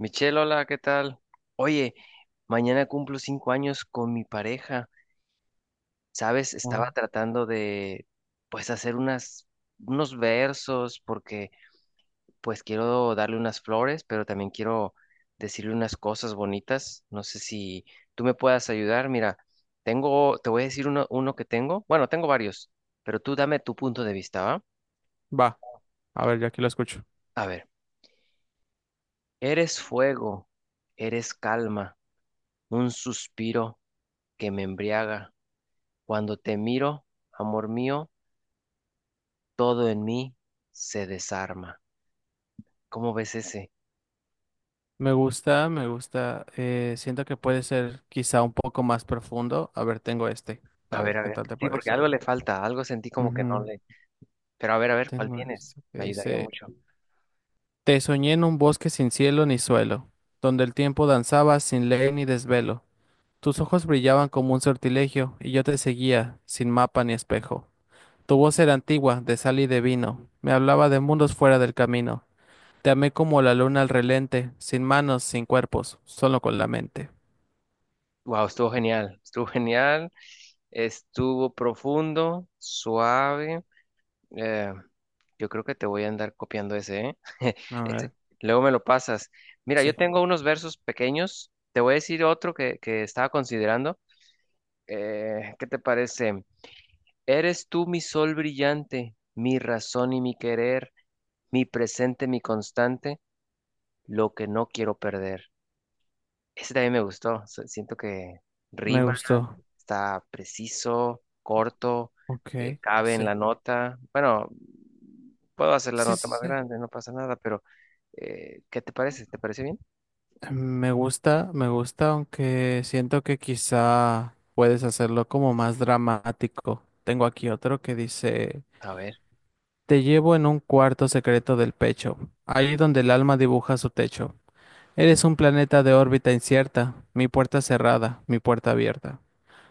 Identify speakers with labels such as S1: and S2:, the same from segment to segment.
S1: Michelle, hola, ¿qué tal? Oye, mañana cumplo 5 años con mi pareja. ¿Sabes?
S2: Oh.
S1: Estaba tratando de, pues, hacer unos versos porque, pues, quiero darle unas flores, pero también quiero decirle unas cosas bonitas. No sé si tú me puedas ayudar. Mira, te voy a decir uno que tengo. Bueno, tengo varios, pero tú dame tu punto de vista, ¿va?
S2: Va, a ver, ya aquí lo escucho.
S1: A ver, eres fuego, eres calma, un suspiro que me embriaga. Cuando te miro, amor mío, todo en mí se desarma. ¿Cómo ves ese?
S2: Me gusta, me gusta. Siento que puede ser quizá un poco más profundo. A ver, tengo este.
S1: A
S2: A ver
S1: ver, a
S2: qué
S1: ver.
S2: tal te
S1: Sí, porque
S2: parece.
S1: algo le falta, algo sentí como que no
S2: Ujú.
S1: le. Pero a ver, ¿cuál
S2: Tengo
S1: tienes?
S2: este que
S1: Me ayudaría
S2: dice,
S1: mucho.
S2: te soñé en un bosque sin cielo ni suelo, donde el tiempo danzaba sin ley ni desvelo. Tus ojos brillaban como un sortilegio y yo te seguía, sin mapa ni espejo. Tu voz era antigua, de sal y de vino. Me hablaba de mundos fuera del camino. Te amé como la luna al relente, sin manos, sin cuerpos, solo con la mente.
S1: Wow, estuvo genial, estuvo genial, estuvo profundo, suave. Eh, yo creo que te voy a andar copiando ese, ¿eh?
S2: A
S1: Este,
S2: ver,
S1: luego me lo pasas. Mira, yo
S2: sí,
S1: tengo unos versos pequeños. Te voy a decir otro que estaba considerando. ¿Qué te parece? Eres tú mi sol brillante, mi razón y mi querer, mi presente, mi constante, lo que no quiero perder. Ese también me gustó. Siento que
S2: me
S1: rima,
S2: gustó.
S1: está preciso, corto,
S2: Ok,
S1: cabe en
S2: sí,
S1: la nota. Bueno, puedo hacer la
S2: sí,
S1: nota
S2: sí,
S1: más
S2: sí.
S1: grande, no pasa nada, pero ¿qué te parece? ¿Te parece bien?
S2: Me gusta, aunque siento que quizá puedes hacerlo como más dramático. Tengo aquí otro que dice,
S1: A ver.
S2: te llevo en un cuarto secreto del pecho, ahí donde el alma dibuja su techo. Eres un planeta de órbita incierta, mi puerta cerrada, mi puerta abierta.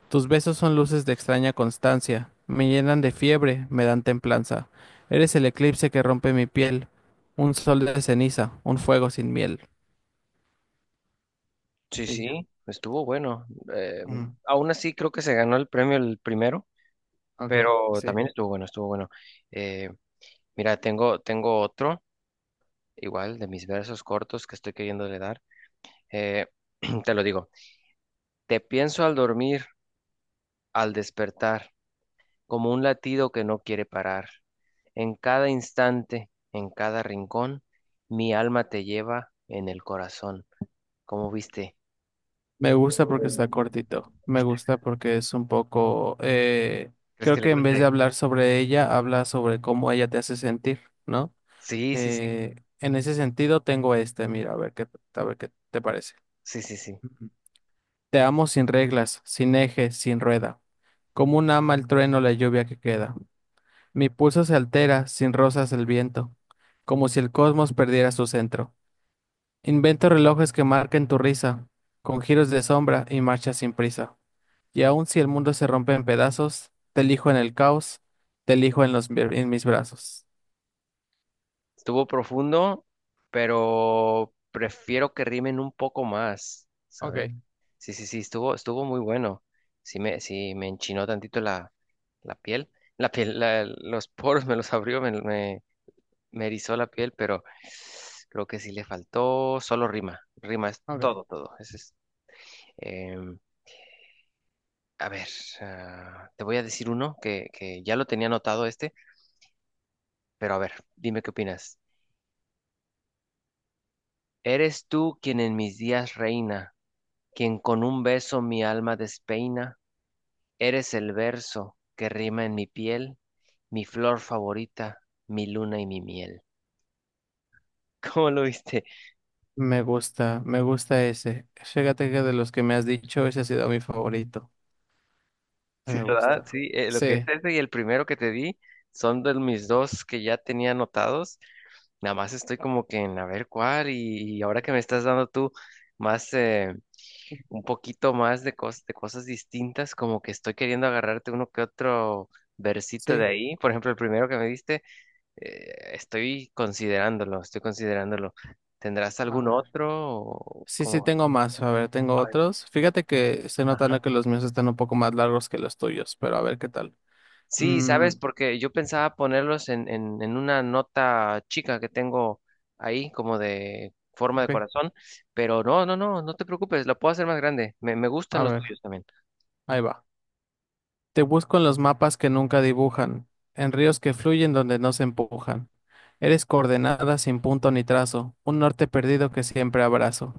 S2: Tus besos son luces de extraña constancia, me llenan de fiebre, me dan templanza. Eres el eclipse que rompe mi piel, un sol de ceniza, un fuego sin miel.
S1: Sí,
S2: Y ya.
S1: sí, estuvo bueno. Eh,
S2: Mm,
S1: aún así creo que se ganó el premio el primero.
S2: ok,
S1: Pero
S2: sí.
S1: también estuvo bueno, estuvo bueno. Eh, mira, tengo otro, igual, de mis versos cortos que estoy queriendo le dar. Eh, te lo digo, te pienso al dormir, al despertar, como un latido que no quiere parar. En cada instante, en cada rincón, mi alma te lleva en el corazón. ¿Cómo viste?
S2: Me gusta porque está cortito, me gusta porque es un poco...
S1: ¿Crees
S2: creo
S1: que le
S2: que en vez de
S1: guste?
S2: hablar sobre ella, habla sobre cómo ella te hace sentir, ¿no?
S1: Sí, sí, sí,
S2: En ese sentido tengo este, mira, a ver qué te parece.
S1: sí, sí, sí.
S2: Ujú. Te amo sin reglas, sin eje, sin rueda. Como un ama el trueno la lluvia que queda. Mi pulso se altera, sin rosas el viento, como si el cosmos perdiera su centro. Invento relojes que marquen tu risa, con giros de sombra y marchas sin prisa. Y aun si el mundo se rompe en pedazos, te elijo en el caos, te elijo en los, en mis brazos.
S1: Estuvo profundo, pero prefiero que rimen un poco más,
S2: Ok,
S1: ¿sabes? Sí, sí, sí, estuvo muy bueno. Sí me enchinó tantito la piel. La piel, los poros me los abrió, me erizó la piel, pero creo que sí le faltó solo rima. Rima es
S2: ok.
S1: todo, todo. Ese es, em, a ver, ah, te voy a decir uno que ya lo tenía anotado este, pero a ver, dime qué opinas. Eres tú quien en mis días reina, quien con un beso mi alma despeina. Eres el verso que rima en mi piel, mi flor favorita, mi luna y mi miel. ¿Cómo lo viste?
S2: Me gusta ese. Fíjate que de los que me has dicho, ese ha sido mi favorito.
S1: Sí,
S2: Me
S1: ¿verdad?
S2: gusta.
S1: Sí, lo que es
S2: Sí,
S1: ese y el primero que te di son de mis dos que ya tenía anotados. Nada más estoy como que en a ver cuál y ahora que me estás dando tú más, un poquito más de cosas distintas, como que estoy queriendo agarrarte uno que otro versito de
S2: sí.
S1: ahí. Por ejemplo, el primero que me diste. Estoy considerándolo, estoy considerándolo. ¿Tendrás
S2: A
S1: algún
S2: ver.
S1: otro? ¿O
S2: Sí, sí,
S1: cómo? ¿Ven?
S2: tengo más. A ver, tengo
S1: Ay,
S2: otros. Fíjate que estoy
S1: ajá.
S2: notando que los míos están un poco más largos que los tuyos, pero a ver qué tal.
S1: Sí,
S2: Mm,
S1: sabes, porque yo pensaba ponerlos en una nota chica que tengo ahí, como de forma de
S2: ok,
S1: corazón, pero no, no, no, no te preocupes, lo puedo hacer más grande. Me gustan
S2: a
S1: los
S2: ver,
S1: tuyos también.
S2: ahí va. Te busco en los mapas que nunca dibujan, en ríos que fluyen donde no se empujan. Eres coordenada sin punto ni trazo, un norte perdido que siempre abrazo.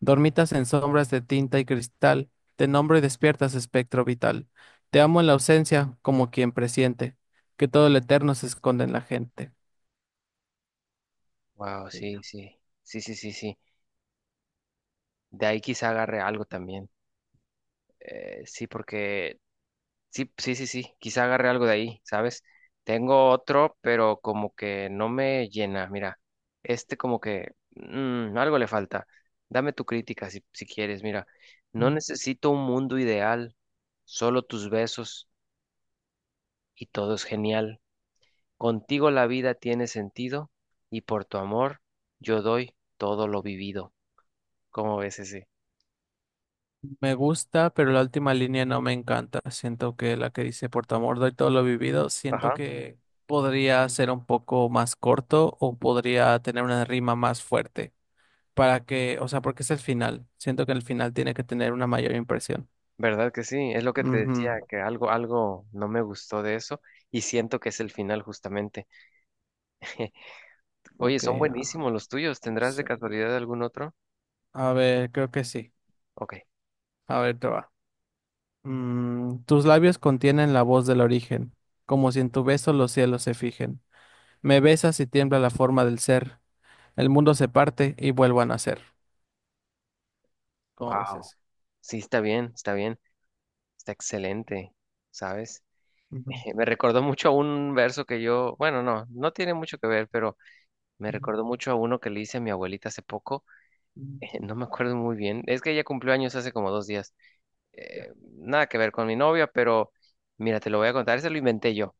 S2: Dormitas en sombras de tinta y cristal, te nombro y despiertas espectro vital. Te amo en la ausencia, como quien presiente, que todo lo eterno se esconde en la gente.
S1: Wow,
S2: Y
S1: sí,
S2: ya.
S1: sí, sí, sí, sí, sí. De ahí quizá agarre algo también. Sí, porque sí, sí, sí, sí, quizá agarre algo de ahí, ¿sabes? Tengo otro, pero como que no me llena. Mira, este como que algo le falta. Dame tu crítica si quieres. Mira, no necesito un mundo ideal, solo tus besos y todo es genial. Contigo la vida tiene sentido y por tu amor yo doy todo lo vivido. ¿Cómo ves ese?
S2: Me gusta, pero la última línea no me encanta. Siento que la que dice por tu amor doy todo lo vivido, siento
S1: Ajá.
S2: que podría ser un poco más corto o podría tener una rima más fuerte para que, o sea, porque es el final. Siento que el final tiene que tener una mayor impresión.
S1: ¿Verdad que sí? Es lo que te decía,
S2: Ujú.
S1: que algo no me gustó de eso y siento que es el final justamente. Oye,
S2: Ok,
S1: son
S2: ah,
S1: buenísimos los tuyos. ¿Tendrás de
S2: sí.
S1: casualidad algún otro?
S2: A ver, creo que sí.
S1: Ok.
S2: A ver, te va. Mm, tus labios contienen la voz del origen, como si en tu beso los cielos se fijen. Me besas y tiembla la forma del ser. El mundo se parte y vuelvo a nacer. ¿Cómo ves
S1: Wow.
S2: ese?
S1: Sí, está bien, está bien. Está excelente, ¿sabes?
S2: Ujú,
S1: Me recordó mucho a un verso que yo, bueno, no, no tiene mucho que ver, pero me
S2: ujú,
S1: recordó mucho a uno que le hice a mi abuelita hace poco.
S2: ujú.
S1: No me acuerdo muy bien. Es que ella cumplió años hace como 2 días.
S2: Ya,
S1: Eh, nada que ver con mi novia, pero mira, te lo voy a contar. Ese lo inventé yo.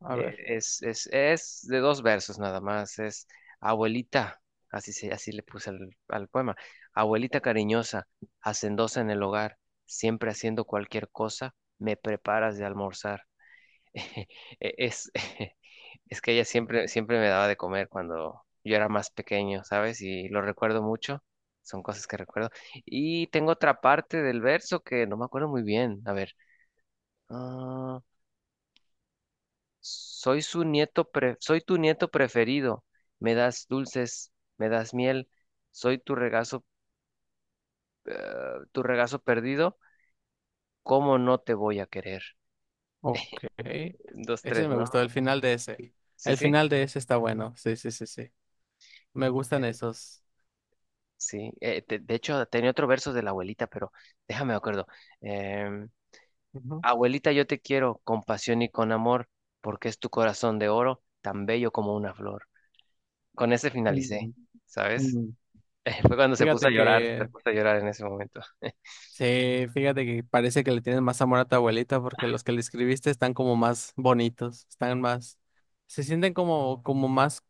S2: a ver.
S1: Es de dos versos nada más. Es abuelita, así le puse al poema. Abuelita cariñosa, hacendosa en el hogar, siempre haciendo cualquier cosa, me preparas de almorzar. Es, es que ella siempre, siempre me daba de comer cuando yo era más pequeño, ¿sabes? Y lo recuerdo mucho. Son cosas que recuerdo. Y tengo otra parte del verso que no me acuerdo muy bien. A ver. Ah, soy tu nieto preferido. Me das dulces, me das miel, soy eh, tu regazo perdido. ¿Cómo no te voy a querer?
S2: Ok.
S1: Dos, tres,
S2: Ese me
S1: ¿no?
S2: gustó, el final de ese.
S1: Sí,
S2: El
S1: sí.
S2: final de ese está bueno. Sí, sí, sí, sí. Me gustan
S1: Eh,
S2: esos.
S1: Sí. De hecho, tenía otro verso de la abuelita, pero déjame me acuerdo. Em,
S2: Ujú.
S1: abuelita, yo te quiero con pasión y con amor, porque es tu corazón de oro, tan bello como una flor. Con ese finalicé,
S2: Mm,
S1: ¿sabes?
S2: mm.
S1: Fue cuando se puso a
S2: Fíjate
S1: llorar, se
S2: que,
S1: puso a llorar en ese momento.
S2: sí, fíjate que parece que le tienes más amor a tu abuelita porque los que le escribiste están como más bonitos, están más, se sienten como, como más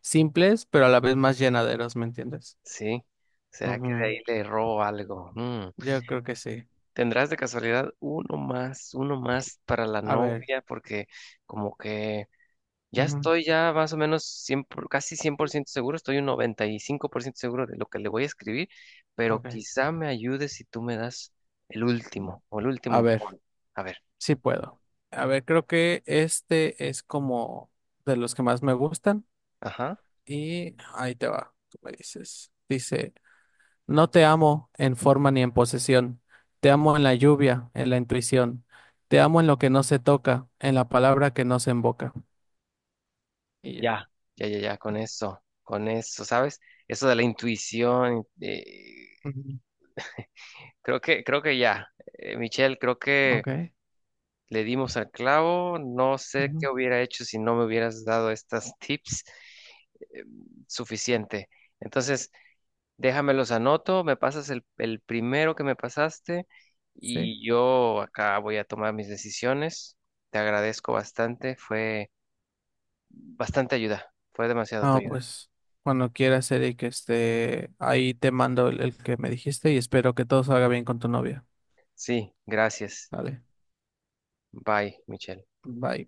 S2: simples, pero a la vez más llenaderos, ¿me entiendes?
S1: Sí, ¿será que de
S2: Ujú.
S1: ahí le robo algo? Mm.
S2: Yo creo que sí.
S1: ¿Tendrás de casualidad uno más para la
S2: A ver.
S1: novia? Porque como que ya
S2: Ujú.
S1: estoy ya más o menos casi 100% seguro, estoy un 95% seguro de lo que le voy a escribir, pero
S2: Ok.
S1: quizá me ayude si tú me das el último o el último
S2: A ver,
S1: empujón. A ver,
S2: sí puedo. A ver, creo que este es como de los que más me gustan
S1: ajá,
S2: y ahí te va, tú me dices. Dice, no te amo en forma ni en posesión, te amo en la lluvia, en la intuición, te amo en lo que no se toca, en la palabra que no se invoca. Y ya.
S1: ya, ya, ya, ya, con eso, ¿sabes? Eso de la intuición,
S2: Ujú.
S1: creo que ya, Michelle, creo que...
S2: Ok.
S1: Le dimos al clavo, no sé qué
S2: Ujú.
S1: hubiera hecho si no me hubieras dado estas tips eh, suficiente. Entonces, déjame los anoto, me pasas el primero que me pasaste
S2: Sí.
S1: y yo acá voy a tomar mis decisiones. Te agradezco bastante, fue bastante ayuda, fue demasiado tu
S2: Ah,
S1: ayuda.
S2: pues cuando quieras, Eric, este, ahí te mando el que me dijiste y espero que todo salga bien con tu novia.
S1: Sí, gracias.
S2: Vale,
S1: Bye, Michelle.
S2: bye.